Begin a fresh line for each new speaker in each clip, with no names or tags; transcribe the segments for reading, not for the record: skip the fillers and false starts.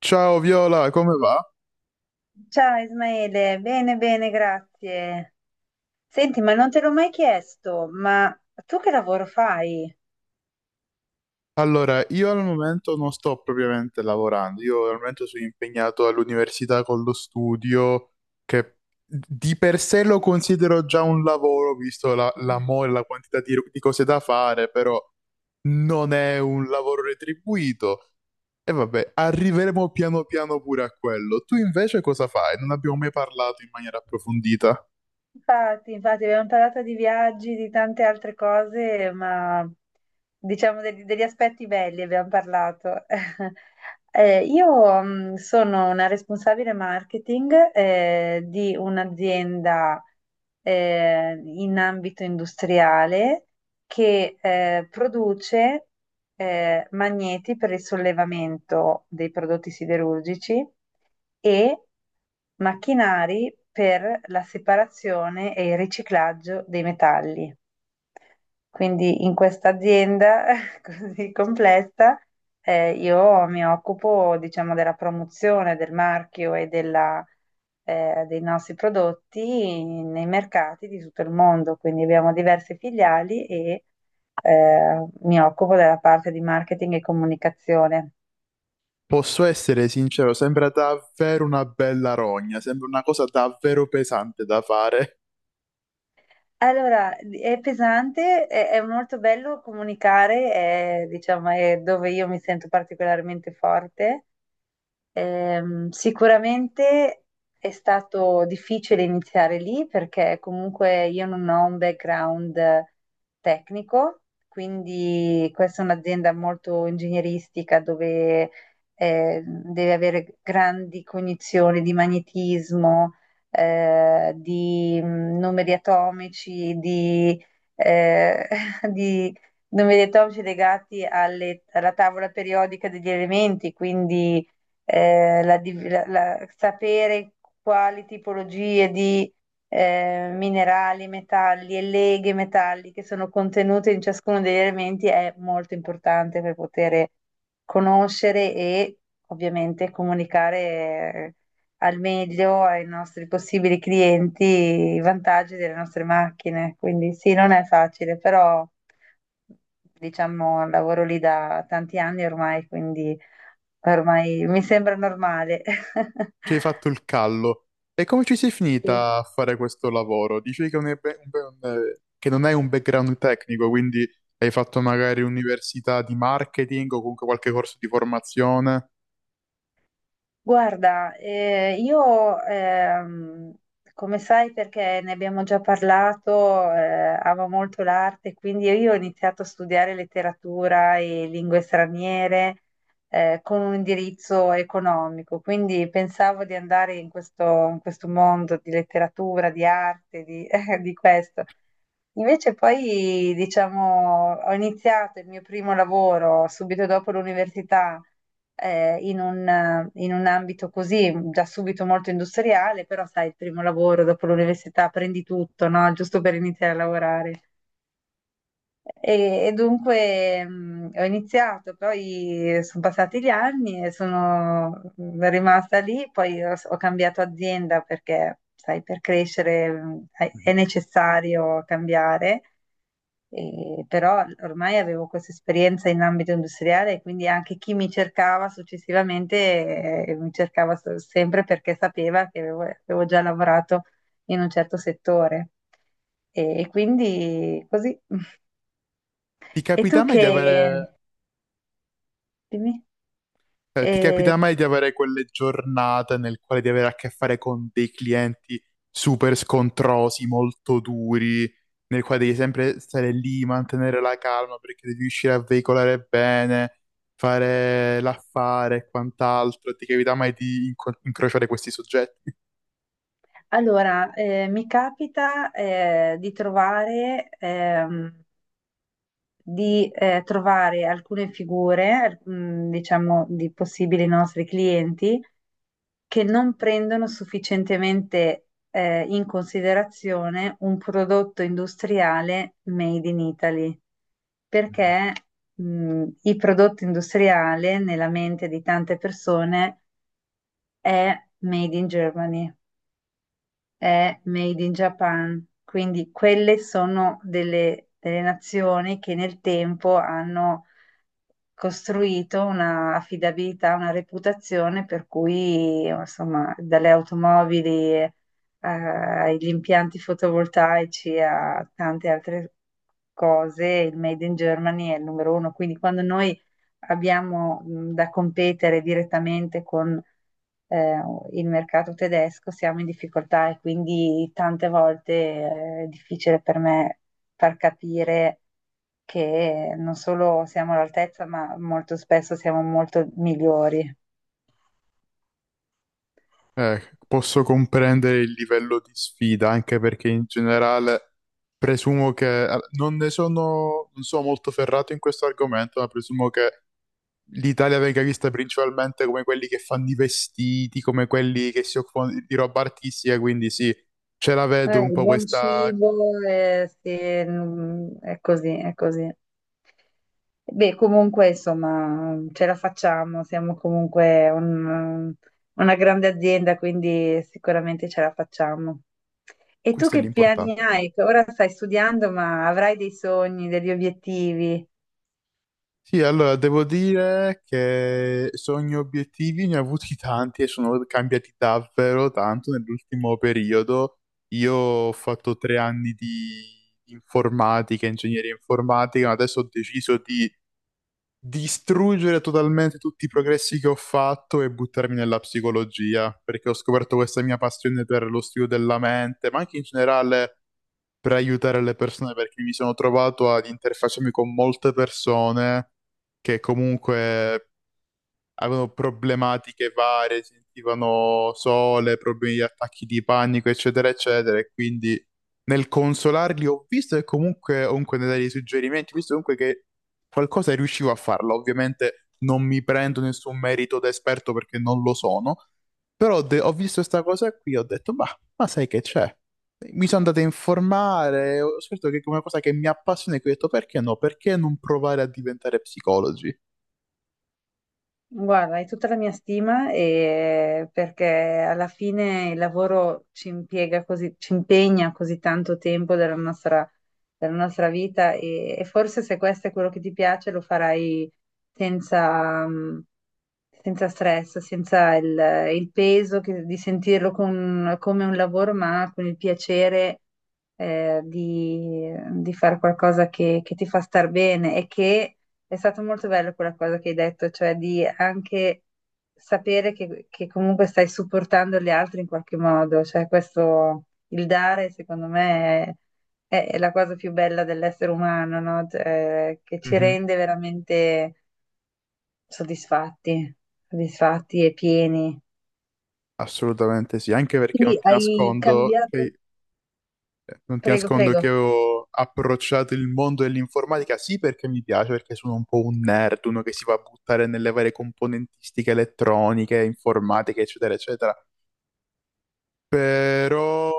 Ciao Viola, come va?
Ciao Ismaele, bene, bene, grazie. Senti, ma non te l'ho mai chiesto, ma tu che lavoro fai?
Allora, io al momento non sto propriamente lavorando, io al momento sono impegnato all'università con lo studio, che di per sé lo considero già un lavoro, visto la mole, la quantità di cose da fare, però non è un lavoro retribuito. E vabbè, arriveremo piano piano pure a quello. Tu invece cosa fai? Non abbiamo mai parlato in maniera approfondita.
Infatti, abbiamo parlato di viaggi, di tante altre cose, ma diciamo degli aspetti belli abbiamo parlato. Io sono una responsabile marketing di un'azienda in ambito industriale che produce magneti per il sollevamento dei prodotti siderurgici e macchinari per la separazione e il riciclaggio dei metalli. Quindi in questa azienda così complessa, io mi occupo, diciamo, della promozione del marchio e della, dei nostri prodotti nei mercati di tutto il mondo. Quindi abbiamo diverse filiali e mi occupo della parte di marketing e comunicazione.
Posso essere sincero, sembra davvero una bella rogna, sembra una cosa davvero pesante da fare.
Allora, è pesante, è molto bello comunicare, è, diciamo, è dove io mi sento particolarmente forte. Sicuramente è stato difficile iniziare lì perché comunque io non ho un background tecnico, quindi questa è un'azienda molto ingegneristica dove deve avere grandi cognizioni di magnetismo, di numeri atomici, di, eh, di numeri atomici legati alla tavola periodica degli elementi, quindi la div- la- la- sapere quali tipologie di minerali, metalli e leghe metalliche sono contenute in ciascuno degli elementi è molto importante per poter conoscere e ovviamente comunicare eh, al meglio ai nostri possibili clienti i vantaggi delle nostre macchine. Quindi sì, non è facile, però diciamo, lavoro lì da tanti anni ormai, quindi ormai mi sembra normale.
Ci hai fatto il callo. E come ci sei finita a fare questo lavoro? Dicevi che non è che non hai un background tecnico, quindi hai fatto magari università di marketing o comunque qualche corso di formazione.
Guarda, io, come sai, perché ne abbiamo già parlato, amo molto l'arte, quindi io ho iniziato a studiare letteratura e lingue straniere, con un indirizzo economico, quindi pensavo di andare in questo mondo di letteratura, di arte, di di questo. Invece poi, diciamo, ho iniziato il mio primo lavoro subito dopo l'università, in un ambito così, già subito molto industriale, però sai, il primo lavoro dopo l'università prendi tutto, no? Giusto per iniziare a lavorare. E dunque ho iniziato, poi sono passati gli anni e sono rimasta lì, poi ho, ho cambiato azienda perché, sai, per crescere è
Mhm.
necessario cambiare. Però ormai avevo questa esperienza in ambito industriale e quindi anche chi mi cercava successivamente mi cercava sempre perché sapeva che avevo, avevo già lavorato in un certo settore. E quindi così.
Ti
E
capita
tu
mai
che...
di avere
dimmi.
Cioè, ti
Eh,
capita mai di avere quelle giornate nel quale di avere a che fare con dei clienti super scontrosi, molto duri, nel quale devi sempre stare lì, mantenere la calma perché devi riuscire a veicolare bene, fare l'affare e quant'altro. Ti capita mai di incrociare questi soggetti?
allora, mi capita di trovare, di trovare alcune figure, diciamo, di possibili nostri clienti che non prendono sufficientemente in considerazione un prodotto industriale made in Italy, perché il prodotto industriale nella mente di tante persone è made in Germany, è made in Japan, quindi quelle sono delle nazioni che nel tempo hanno costruito una affidabilità, una reputazione per cui, insomma, dalle automobili agli impianti fotovoltaici a tante altre cose, il Made in Germany è il numero uno. Quindi quando noi abbiamo da competere direttamente con eh, il mercato tedesco, siamo in difficoltà e quindi tante volte è difficile per me far capire che non solo siamo all'altezza, ma molto spesso siamo molto migliori.
Posso comprendere il livello di sfida, anche perché in generale presumo che non sono molto ferrato in questo argomento, ma presumo che l'Italia venga vista principalmente come quelli che fanno i vestiti, come quelli che si occupano di roba artistica, quindi sì, ce la vedo un
Il
po'
buon
questa.
cibo, sì, è così, è così. Beh, comunque, insomma, ce la facciamo, siamo comunque una grande azienda, quindi sicuramente ce la facciamo. E tu
Questo è
che piani
l'importante.
hai? Che ora stai studiando, ma avrai dei sogni, degli obiettivi?
Sì, allora devo dire che sogni e obiettivi ne ho avuti tanti e sono cambiati davvero tanto nell'ultimo periodo. Io ho fatto 3 anni di informatica, ingegneria informatica, ma adesso ho deciso di distruggere totalmente tutti i progressi che ho fatto e buttarmi nella psicologia, perché ho scoperto questa mia passione per lo studio della mente, ma anche in generale per aiutare le persone, perché mi sono trovato ad interfacciarmi con molte persone che comunque avevano problematiche varie, sentivano sole, problemi di attacchi di panico, eccetera, eccetera. E quindi nel consolarli ho visto e comunque nel dare dei suggerimenti, ho visto comunque che qualcosa riuscivo a farlo. Ovviamente non mi prendo nessun merito da esperto perché non lo sono, però ho visto questa cosa qui e ho detto, ma, sai che c'è? Mi sono andato a informare, ho scoperto che è una cosa che mi appassiona e qui ho detto perché no? Perché non provare a diventare psicologi?
Guarda, hai tutta la mia stima perché alla fine il lavoro ci impiega così, ci impegna così tanto tempo della nostra vita e forse se questo è quello che ti piace lo farai senza, senza stress, senza il, il peso di sentirlo come un lavoro, ma con il piacere eh, di, di fare qualcosa che ti fa star bene e che è stato molto bello quella cosa che hai detto, cioè di anche sapere che comunque stai supportando gli altri in qualche modo, cioè questo, il dare secondo me è la cosa più bella dell'essere umano, no? Cioè, che ci rende veramente soddisfatti, soddisfatti e pieni.
Assolutamente sì, anche perché
Quindi
non ti
hai
nascondo
cambiato,
che
prego, prego.
ho approcciato il mondo dell'informatica, sì perché mi piace, perché sono un po' un nerd, uno che si va a buttare nelle varie componentistiche elettroniche, informatiche, eccetera, eccetera, però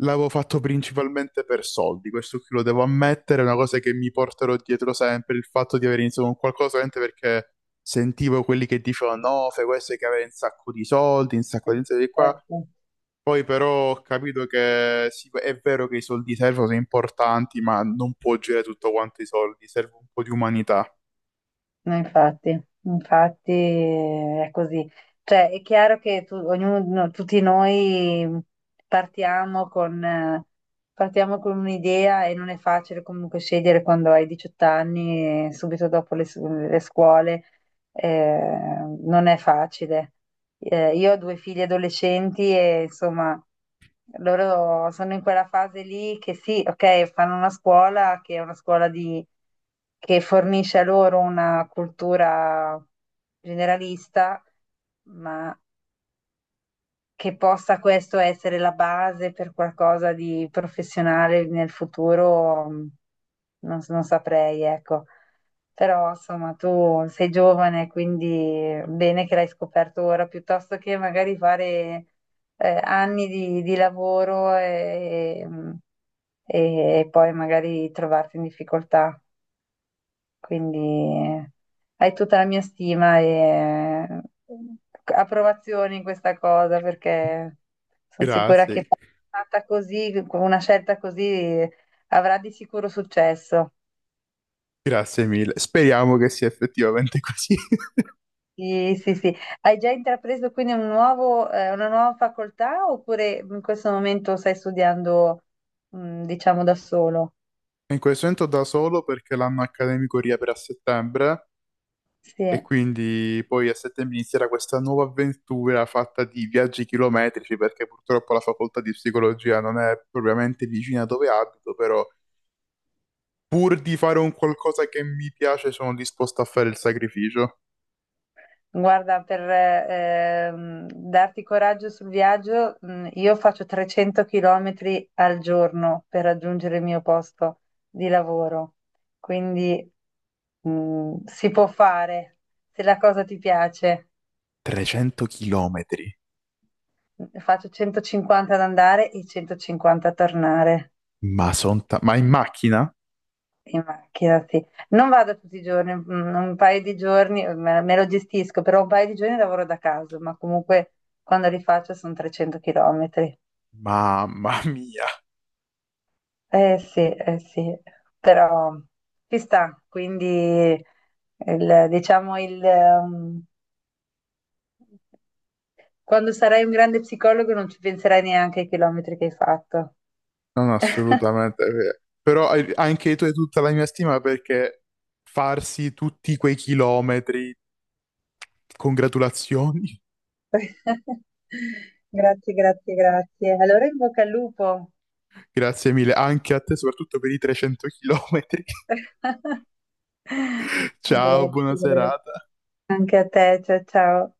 l'avevo fatto principalmente per soldi, questo qui lo devo ammettere, è una cosa che mi porterò dietro sempre, il fatto di aver iniziato con qualcosa solamente perché sentivo quelli che dicevano no, fai questo che avere un sacco di soldi, un sacco di soldi qua.
Certo.
Poi però ho capito che sì, è vero che i soldi servono, sono importanti, ma non può girare tutto quanto i soldi, serve un po' di umanità.
No, infatti, infatti è così. Cioè, è chiaro che ognuno, no, tutti noi partiamo con, eh, partiamo con un'idea e non è facile comunque scegliere quando hai 18 anni e subito dopo le scuole, eh, non è facile. Io ho due figli adolescenti e insomma loro sono in quella fase lì che sì, ok, fanno una scuola che è una scuola che fornisce a loro una cultura generalista, ma che possa questo essere la base per qualcosa di professionale nel futuro, non, non saprei, ecco. Però insomma tu sei giovane, quindi bene che l'hai scoperto ora, piuttosto che magari fare anni di lavoro e poi magari trovarti in difficoltà. Quindi eh, hai tutta la mia stima e approvazione in questa cosa, perché sono sicura che
Grazie,
fatta così, con una scelta così, avrà di sicuro successo.
grazie mille. Speriamo che sia effettivamente così.
Sì, sì, sì. Hai già intrapreso quindi un nuovo, una nuova facoltà oppure in questo momento stai studiando, diciamo, da solo?
In questo momento da solo perché l'anno accademico riapre a settembre e
Sì.
quindi poi a settembre inizierà questa nuova avventura fatta di viaggi chilometrici perché purtroppo la facoltà di psicologia non è propriamente vicina dove abito, però pur di fare un qualcosa che mi piace sono disposto a fare il sacrificio.
Guarda, per darti coraggio sul viaggio, io faccio 300 km al giorno per raggiungere il mio posto di lavoro. Quindi si può fare se la cosa ti piace.
300 chilometri,
Faccio 150 ad andare e 150 a tornare.
ma in macchina?
In macchina, sì. Non vado tutti i giorni, un paio di giorni me, me lo gestisco, però un paio di giorni lavoro da casa, ma comunque quando li faccio sono 300 chilometri.
Mamma mia,
Sì, eh sì, però ci sta, quindi diciamo il, quando sarai un grande psicologo non ci penserai neanche ai chilometri che hai fatto.
non assolutamente vero. Però anche tu hai tutta la mia stima perché farsi tutti quei chilometri, congratulazioni,
Grazie, grazie, grazie. Allora in bocca al lupo.
Grazie mille, anche a te soprattutto per i 300 chilometri. Ciao,
Grazie,
buona
grazie.
serata.
Anche a te, ciao ciao.